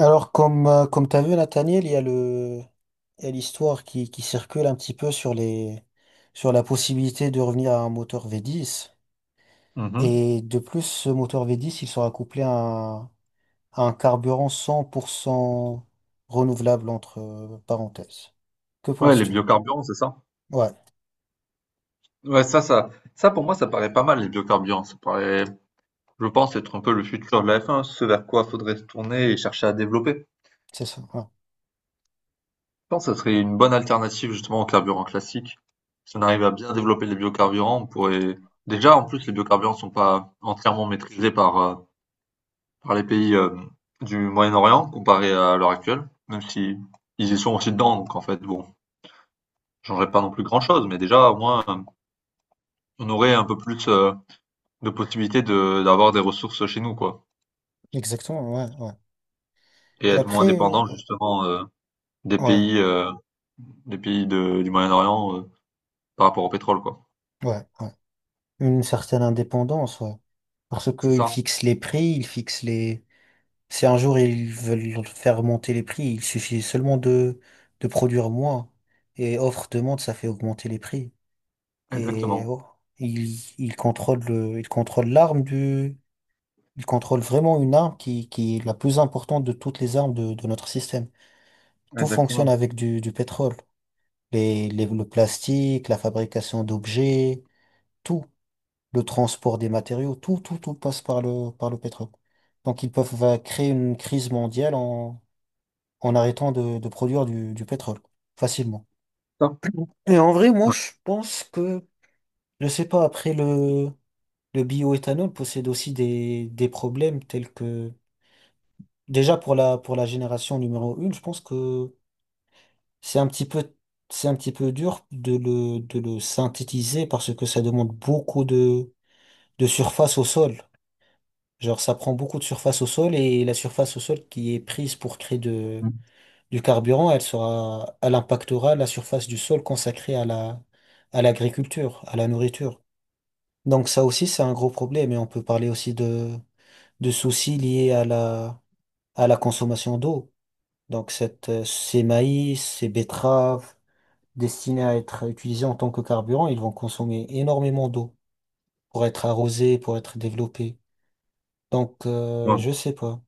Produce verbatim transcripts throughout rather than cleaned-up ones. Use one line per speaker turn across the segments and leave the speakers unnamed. Alors, comme, euh, comme tu as vu, Nathaniel, il y a le, il y a l'histoire qui, qui circule un petit peu sur les, sur la possibilité de revenir à un moteur v dix.
Mmh.
Et de plus, ce moteur v dix il sera couplé à un, à un carburant cent pour cent renouvelable, entre euh, parenthèses. Que
Ouais, les
penses-tu?
biocarburants, c'est ça?
Ouais,
Ouais, ça ça ça pour moi, ça paraît pas mal, les biocarburants. Ça paraît, je pense, être un peu le futur de la F un, ce vers quoi faudrait se tourner et chercher à développer.
c'est ça, ouais.
Je pense que ça serait une bonne alternative justement aux carburants classiques. Si on arrive à bien développer les biocarburants, on pourrait déjà, en plus, les biocarburants sont pas entièrement maîtrisés par heu, par les pays heu, du Moyen-Orient, comparé à l'heure actuelle, même si ils y sont aussi dedans, donc en fait, bon, ça changerait pas non plus grand-chose, mais déjà, au moins, on aurait un peu plus heu de possibilités de d'avoir des ressources chez nous, quoi.
Exactement, ouais, ouais.
Et
Et
être moins
après, euh,
dépendant justement euh, des
ouais,
pays euh, des pays de, du Moyen-Orient euh, par rapport au pétrole, quoi.
ouais, ouais. Une certaine indépendance, ouais. Parce
C'est
qu'il
ça,
fixe les prix. Il fixe les Si un jour ils veulent faire monter les prix, il suffit seulement de, de produire moins. Et offre-demande, ça fait augmenter les prix. Et
exactement.
oh, il, il contrôle le, il contrôle l'arme du, il contrôle vraiment une arme qui, qui est la plus importante de toutes les armes de, de notre système. Tout fonctionne
Exactement.
avec du, du pétrole. Les, les- le plastique, la fabrication d'objets, tout. Le transport des matériaux, tout, tout, tout passe par le, par le pétrole. Donc ils peuvent euh, créer une crise mondiale en arrêtant de, de produire du, du pétrole facilement.
Ça.
Et en vrai, moi,
Ouais.
je pense que, je sais pas, après le, le bioéthanol possède aussi des, des problèmes tels que, déjà pour la, pour la génération numéro une. Je pense que c'est un petit peu, c'est un petit peu dur de le, de le synthétiser parce que ça demande beaucoup de, de surface au sol. Genre, ça prend beaucoup de surface au sol, et la surface au sol qui est prise pour créer de
Mm.
du carburant, elle sera, elle impactera la surface du sol consacrée à la, à l'agriculture, à la nourriture. Donc ça aussi, c'est un gros problème, et on peut parler aussi de, de soucis liés à la, à la consommation d'eau. Donc cette, euh, ces maïs, ces betteraves destinés à être utilisés en tant que carburant, ils vont consommer énormément d'eau pour être arrosés, pour être développés. Donc euh,
Ouais.
je sais pas.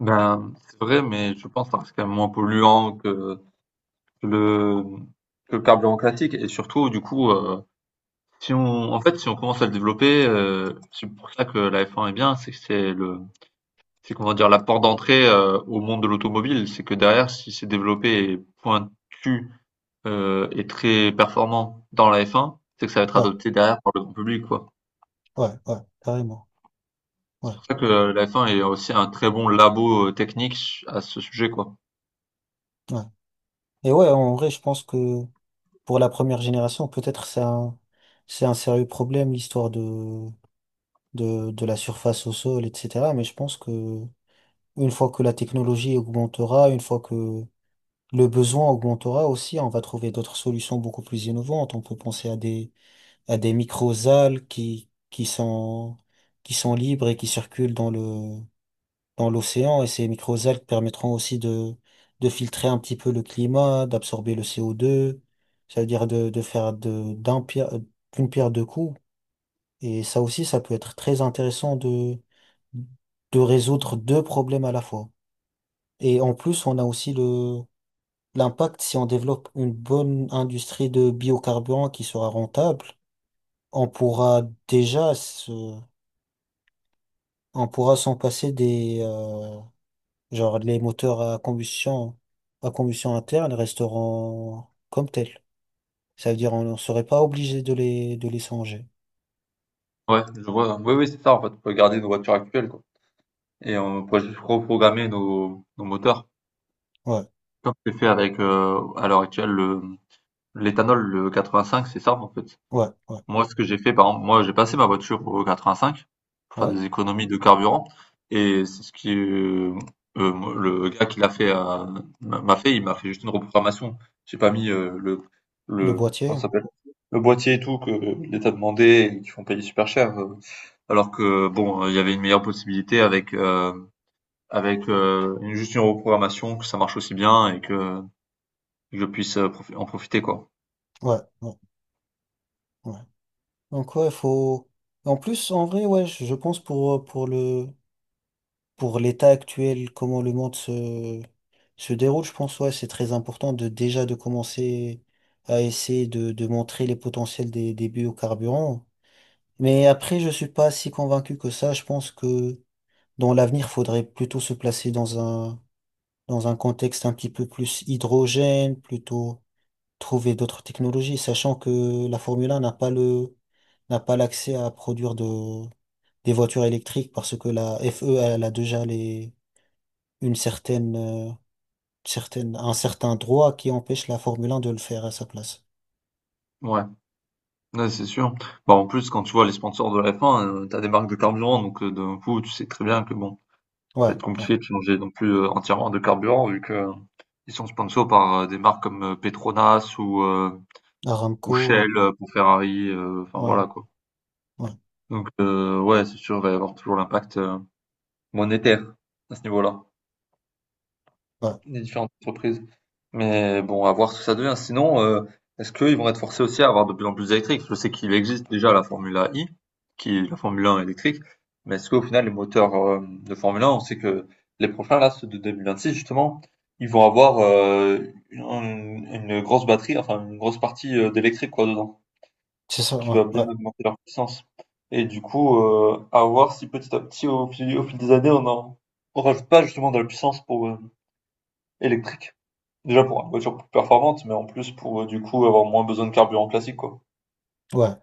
Ben, c'est vrai, mais je pense que ça reste quand même moins polluant que le que le carburant classique. Et surtout, du coup, euh, si on en fait si on commence à le développer, euh, c'est pour ça que la F un est bien, c'est que c'est le c'est comment dire la porte d'entrée euh, au monde de l'automobile. C'est que derrière, si c'est développé et pointu euh, et très performant dans la F un, c'est que ça va être
Ouais,
adopté derrière par le grand public, quoi.
ouais, ouais, carrément. Ouais,
C'est pour ça que la F un est aussi un très bon labo euh, technique à ce sujet, quoi.
ouais. Et ouais, en vrai, je pense que pour la première génération, peut-être c'est un, c'est un sérieux problème, l'histoire de, de, de la surface au sol, et cetera. Mais je pense que une fois que la technologie augmentera, une fois que le besoin augmentera aussi, on va trouver d'autres solutions beaucoup plus innovantes. On peut penser à des, à des microalgues qui, qui sont, qui sont libres et qui circulent dans le, dans l'océan, et ces microalgues permettront aussi de, de filtrer un petit peu le climat, d'absorber le C O deux. Ça veut dire de, de faire de, d'un pierre, d'une pierre deux coups. Et ça aussi, ça peut être très intéressant de, de résoudre deux problèmes à la fois. Et en plus, on a aussi le, l'impact: si on développe une bonne industrie de biocarburants qui sera rentable, on pourra déjà se, on pourra s'en passer des, euh, Genre, les moteurs à combustion, à combustion interne resteront comme tels. Ça veut dire on ne serait pas obligé de les, de les changer.
Ouais, je vois. Oui, oui, c'est ça, en fait. On peut garder nos voitures actuelles, quoi. Et on pourrait juste reprogrammer nos, nos moteurs,
Ouais,
comme c'est fait avec, euh, à l'heure actuelle, le- l'éthanol, le quatre-vingt-cinq, c'est ça, en fait.
ouais, ouais,
Moi, ce que j'ai fait, par exemple, moi, j'ai passé ma voiture au quatre-vingt-cinq pour faire
ouais.
des économies de carburant. Et c'est ce qui, euh, euh, le gars qui l'a fait euh, m'a m'a fait, il m'a fait juste une reprogrammation. J'ai pas mis euh, le
Le
le comment
boîtier,
ça s'appelle, le boîtier et tout, que l'État demandait et qui font payer super cher. euh. Alors que bon, euh, il y avait une meilleure possibilité avec euh, avec euh, une- juste une reprogrammation, que ça marche aussi bien et que je puisse euh, profi- en profiter, quoi.
ouais, ouais, ouais. Donc ouais, faut. En plus, en vrai, ouais, je je pense pour, pour le, pour l'état actuel, comment le monde se, se déroule. Je pense, ouais, c'est très important de déjà de commencer à essayer de, de montrer les potentiels des, des biocarburants. Mais après, je suis pas si convaincu que ça. Je pense que dans l'avenir, faudrait plutôt se placer dans un, dans un contexte un petit peu plus hydrogène, plutôt trouver d'autres technologies, sachant que la Formule un n'a pas le, n'a pas l'accès à produire de, des voitures électriques, parce que la F E, elle a déjà les, une certaine, euh, certaine, un certain droit qui empêche la Formule un de le faire à sa place.
Ouais. Ouais, c'est sûr. Bah, en plus, quand tu vois les sponsors de la F un, heu, tu as des marques de carburant, donc heu, d'un coup, tu sais très bien que bon, ça
Ouais,
va être
ouais.
compliqué de changer non plus heu, entièrement de carburant, vu que euh, ils sont sponsors par heu, des marques comme heu, Petronas ou, heu, ou
Aramco,
Shell, heu, pour Ferrari, heu, enfin
ouais,
voilà, quoi.
ouais,
Donc heu, ouais, c'est sûr, il va y avoir toujours l'impact heu, monétaire à ce niveau-là.
ouais.
Les différentes entreprises. Mais bon, à voir ce que ça devient. Sinon, euh, est-ce qu'ils vont être forcés aussi à avoir de plus en plus d'électriques? Je sais qu'il existe déjà la Formule I, qui est la Formule un électrique, mais est-ce qu'au final, les moteurs euh, de Formule un, on sait que les prochains, là, ceux de vingt vingt-six, justement, ils vont avoir euh, une, une grosse batterie, enfin une grosse partie euh, d'électrique, quoi, dedans,
C'est ça,
qui
ouais,
va
ouais,
bien augmenter leur puissance. Et du coup, euh, à voir si petit à petit, au fil, au fil des années, on en on rajoute pas justement de la puissance pour euh, électrique. Déjà pour une voiture plus performante, mais en plus pour, heu, du coup, avoir moins besoin de carburant classique, quoi.
ouais.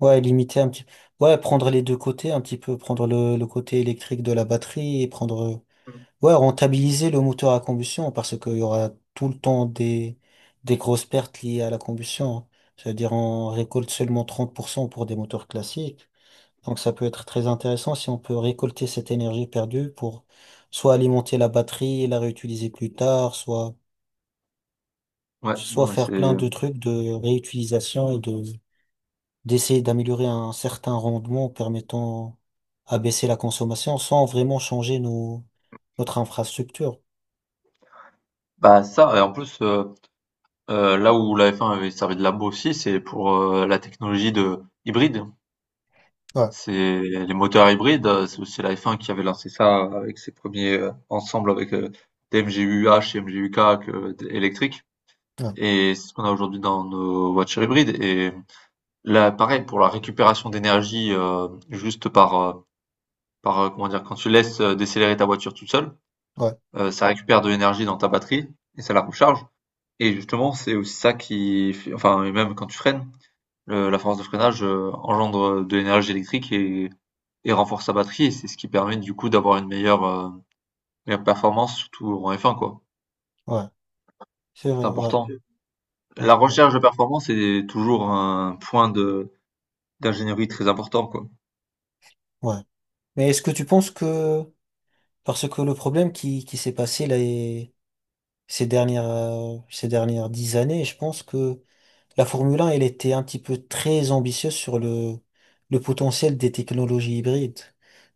Ouais, limiter un petit ouais, prendre les deux côtés, un petit peu, prendre le, le côté électrique de la batterie et prendre.
Mmh.
Ouais, rentabiliser le moteur à combustion parce qu'il y aura tout le temps des, des grosses pertes liées à la combustion, hein. C'est-à-dire, on récolte seulement trente pour cent pour cent pour des moteurs classiques. Donc, ça peut être très intéressant si on peut récolter cette énergie perdue pour soit alimenter la batterie et la réutiliser plus tard, soit,
Ouais, non,
soit
mais
faire
c'est
plein de trucs de réutilisation et de, d'essayer d'améliorer un certain rendement en permettant à baisser la consommation sans vraiment changer nos, notre infrastructure.
bah, ça, et en plus, heu heu, là où la F un avait servi de labo aussi, c'est pour, heu, la technologie de hybride.
Ouais,
C'est les moteurs hybrides, heu, c'est aussi la F un qui avait lancé ça avec ses premiers, heu, ensembles avec, heu, des M G U H et M G U K que d électriques,
ouais,
et c'est ce qu'on a aujourd'hui dans nos voitures hybrides. Et là, pareil pour la récupération d'énergie, heu, juste par, euh, par, euh, comment dire, quand tu laisses euh, décélérer ta voiture toute seule,
ouais,
euh, ça récupère de l'énergie dans ta batterie et ça la recharge. Et justement, c'est aussi ça qui fait- enfin, et même quand tu freines, le- la force de freinage euh, engendre de l'énergie électrique, et, et renforce ta batterie, et c'est ce qui permet du coup d'avoir une meilleure, euh, meilleure performance, surtout en F un, quoi.
ouais. C'est
C'est
vrai, ouais,
important.
ouais,
La
ouais,
recherche de performance est toujours un point de d'ingénierie très important, quoi.
ouais. Mais est-ce que tu penses que, parce que le problème qui, qui s'est passé là, et ces dernières, euh, ces dernières dix années, je pense que la Formule un, elle était un petit peu très ambitieuse sur le, le potentiel des technologies hybrides?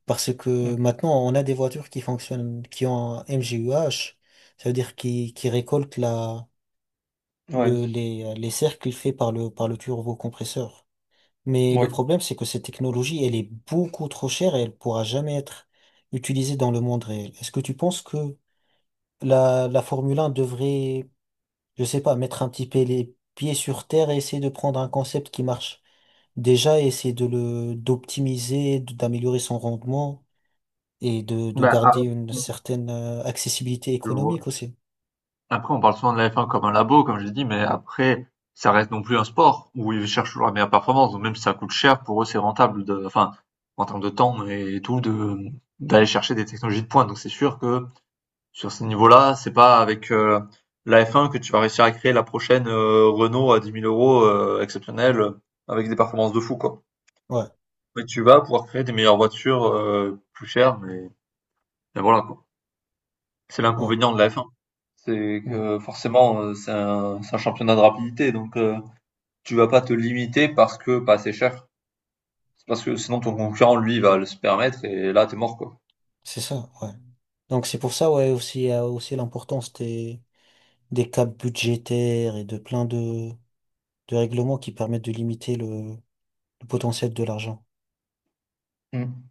Parce que maintenant, on a des voitures qui fonctionnent, qui ont un M G U H, ça veut dire qui, qui récoltent la, le, les, les cercles faits par le, par le turbocompresseur. Mais le problème, c'est que cette technologie, elle est beaucoup trop chère et elle pourra jamais être utilisée dans le monde réel. Est-ce que tu penses que la, la Formule un devrait, je sais pas, mettre un petit peu les pieds sur terre et essayer de prendre un concept qui marche? Déjà, essayer de le, d'optimiser, de- d'améliorer son rendement et de, de
Bah,
garder
ah,
une certaine euh, accessibilité
je vois.
économique aussi.
Après, on parle souvent de la F un comme un labo, comme j'ai dit, mais après, ça reste non plus un sport où ils cherchent toujours la meilleure performance. Donc même si ça coûte cher, pour eux, c'est rentable de, enfin, en termes de temps et tout, de, d'aller chercher des technologies de pointe. Donc c'est sûr que sur ces niveaux-là, c'est pas avec euh, la F un que tu vas réussir à créer la prochaine euh, Renault à dix mille euros euh, exceptionnelle euh, avec des performances de fou, quoi.
Ouais,
Mais tu vas pouvoir créer des meilleures voitures euh, plus chères, mais, mais voilà, quoi. C'est
ouais,
l'inconvénient de la F un. C'est
ouais.
que forcément, euh, c'est un, c'est un championnat de rapidité, donc euh, tu vas pas te limiter parce que pas assez cher. C'est parce que sinon ton concurrent, lui, va le se permettre et là, t'es mort, quoi.
C'est ça, ouais. Donc c'est pour ça, ouais, aussi, il y a aussi l'importance des, des caps budgétaires et de plein de, de règlements qui permettent de limiter le, le potentiel de l'argent.
Mm.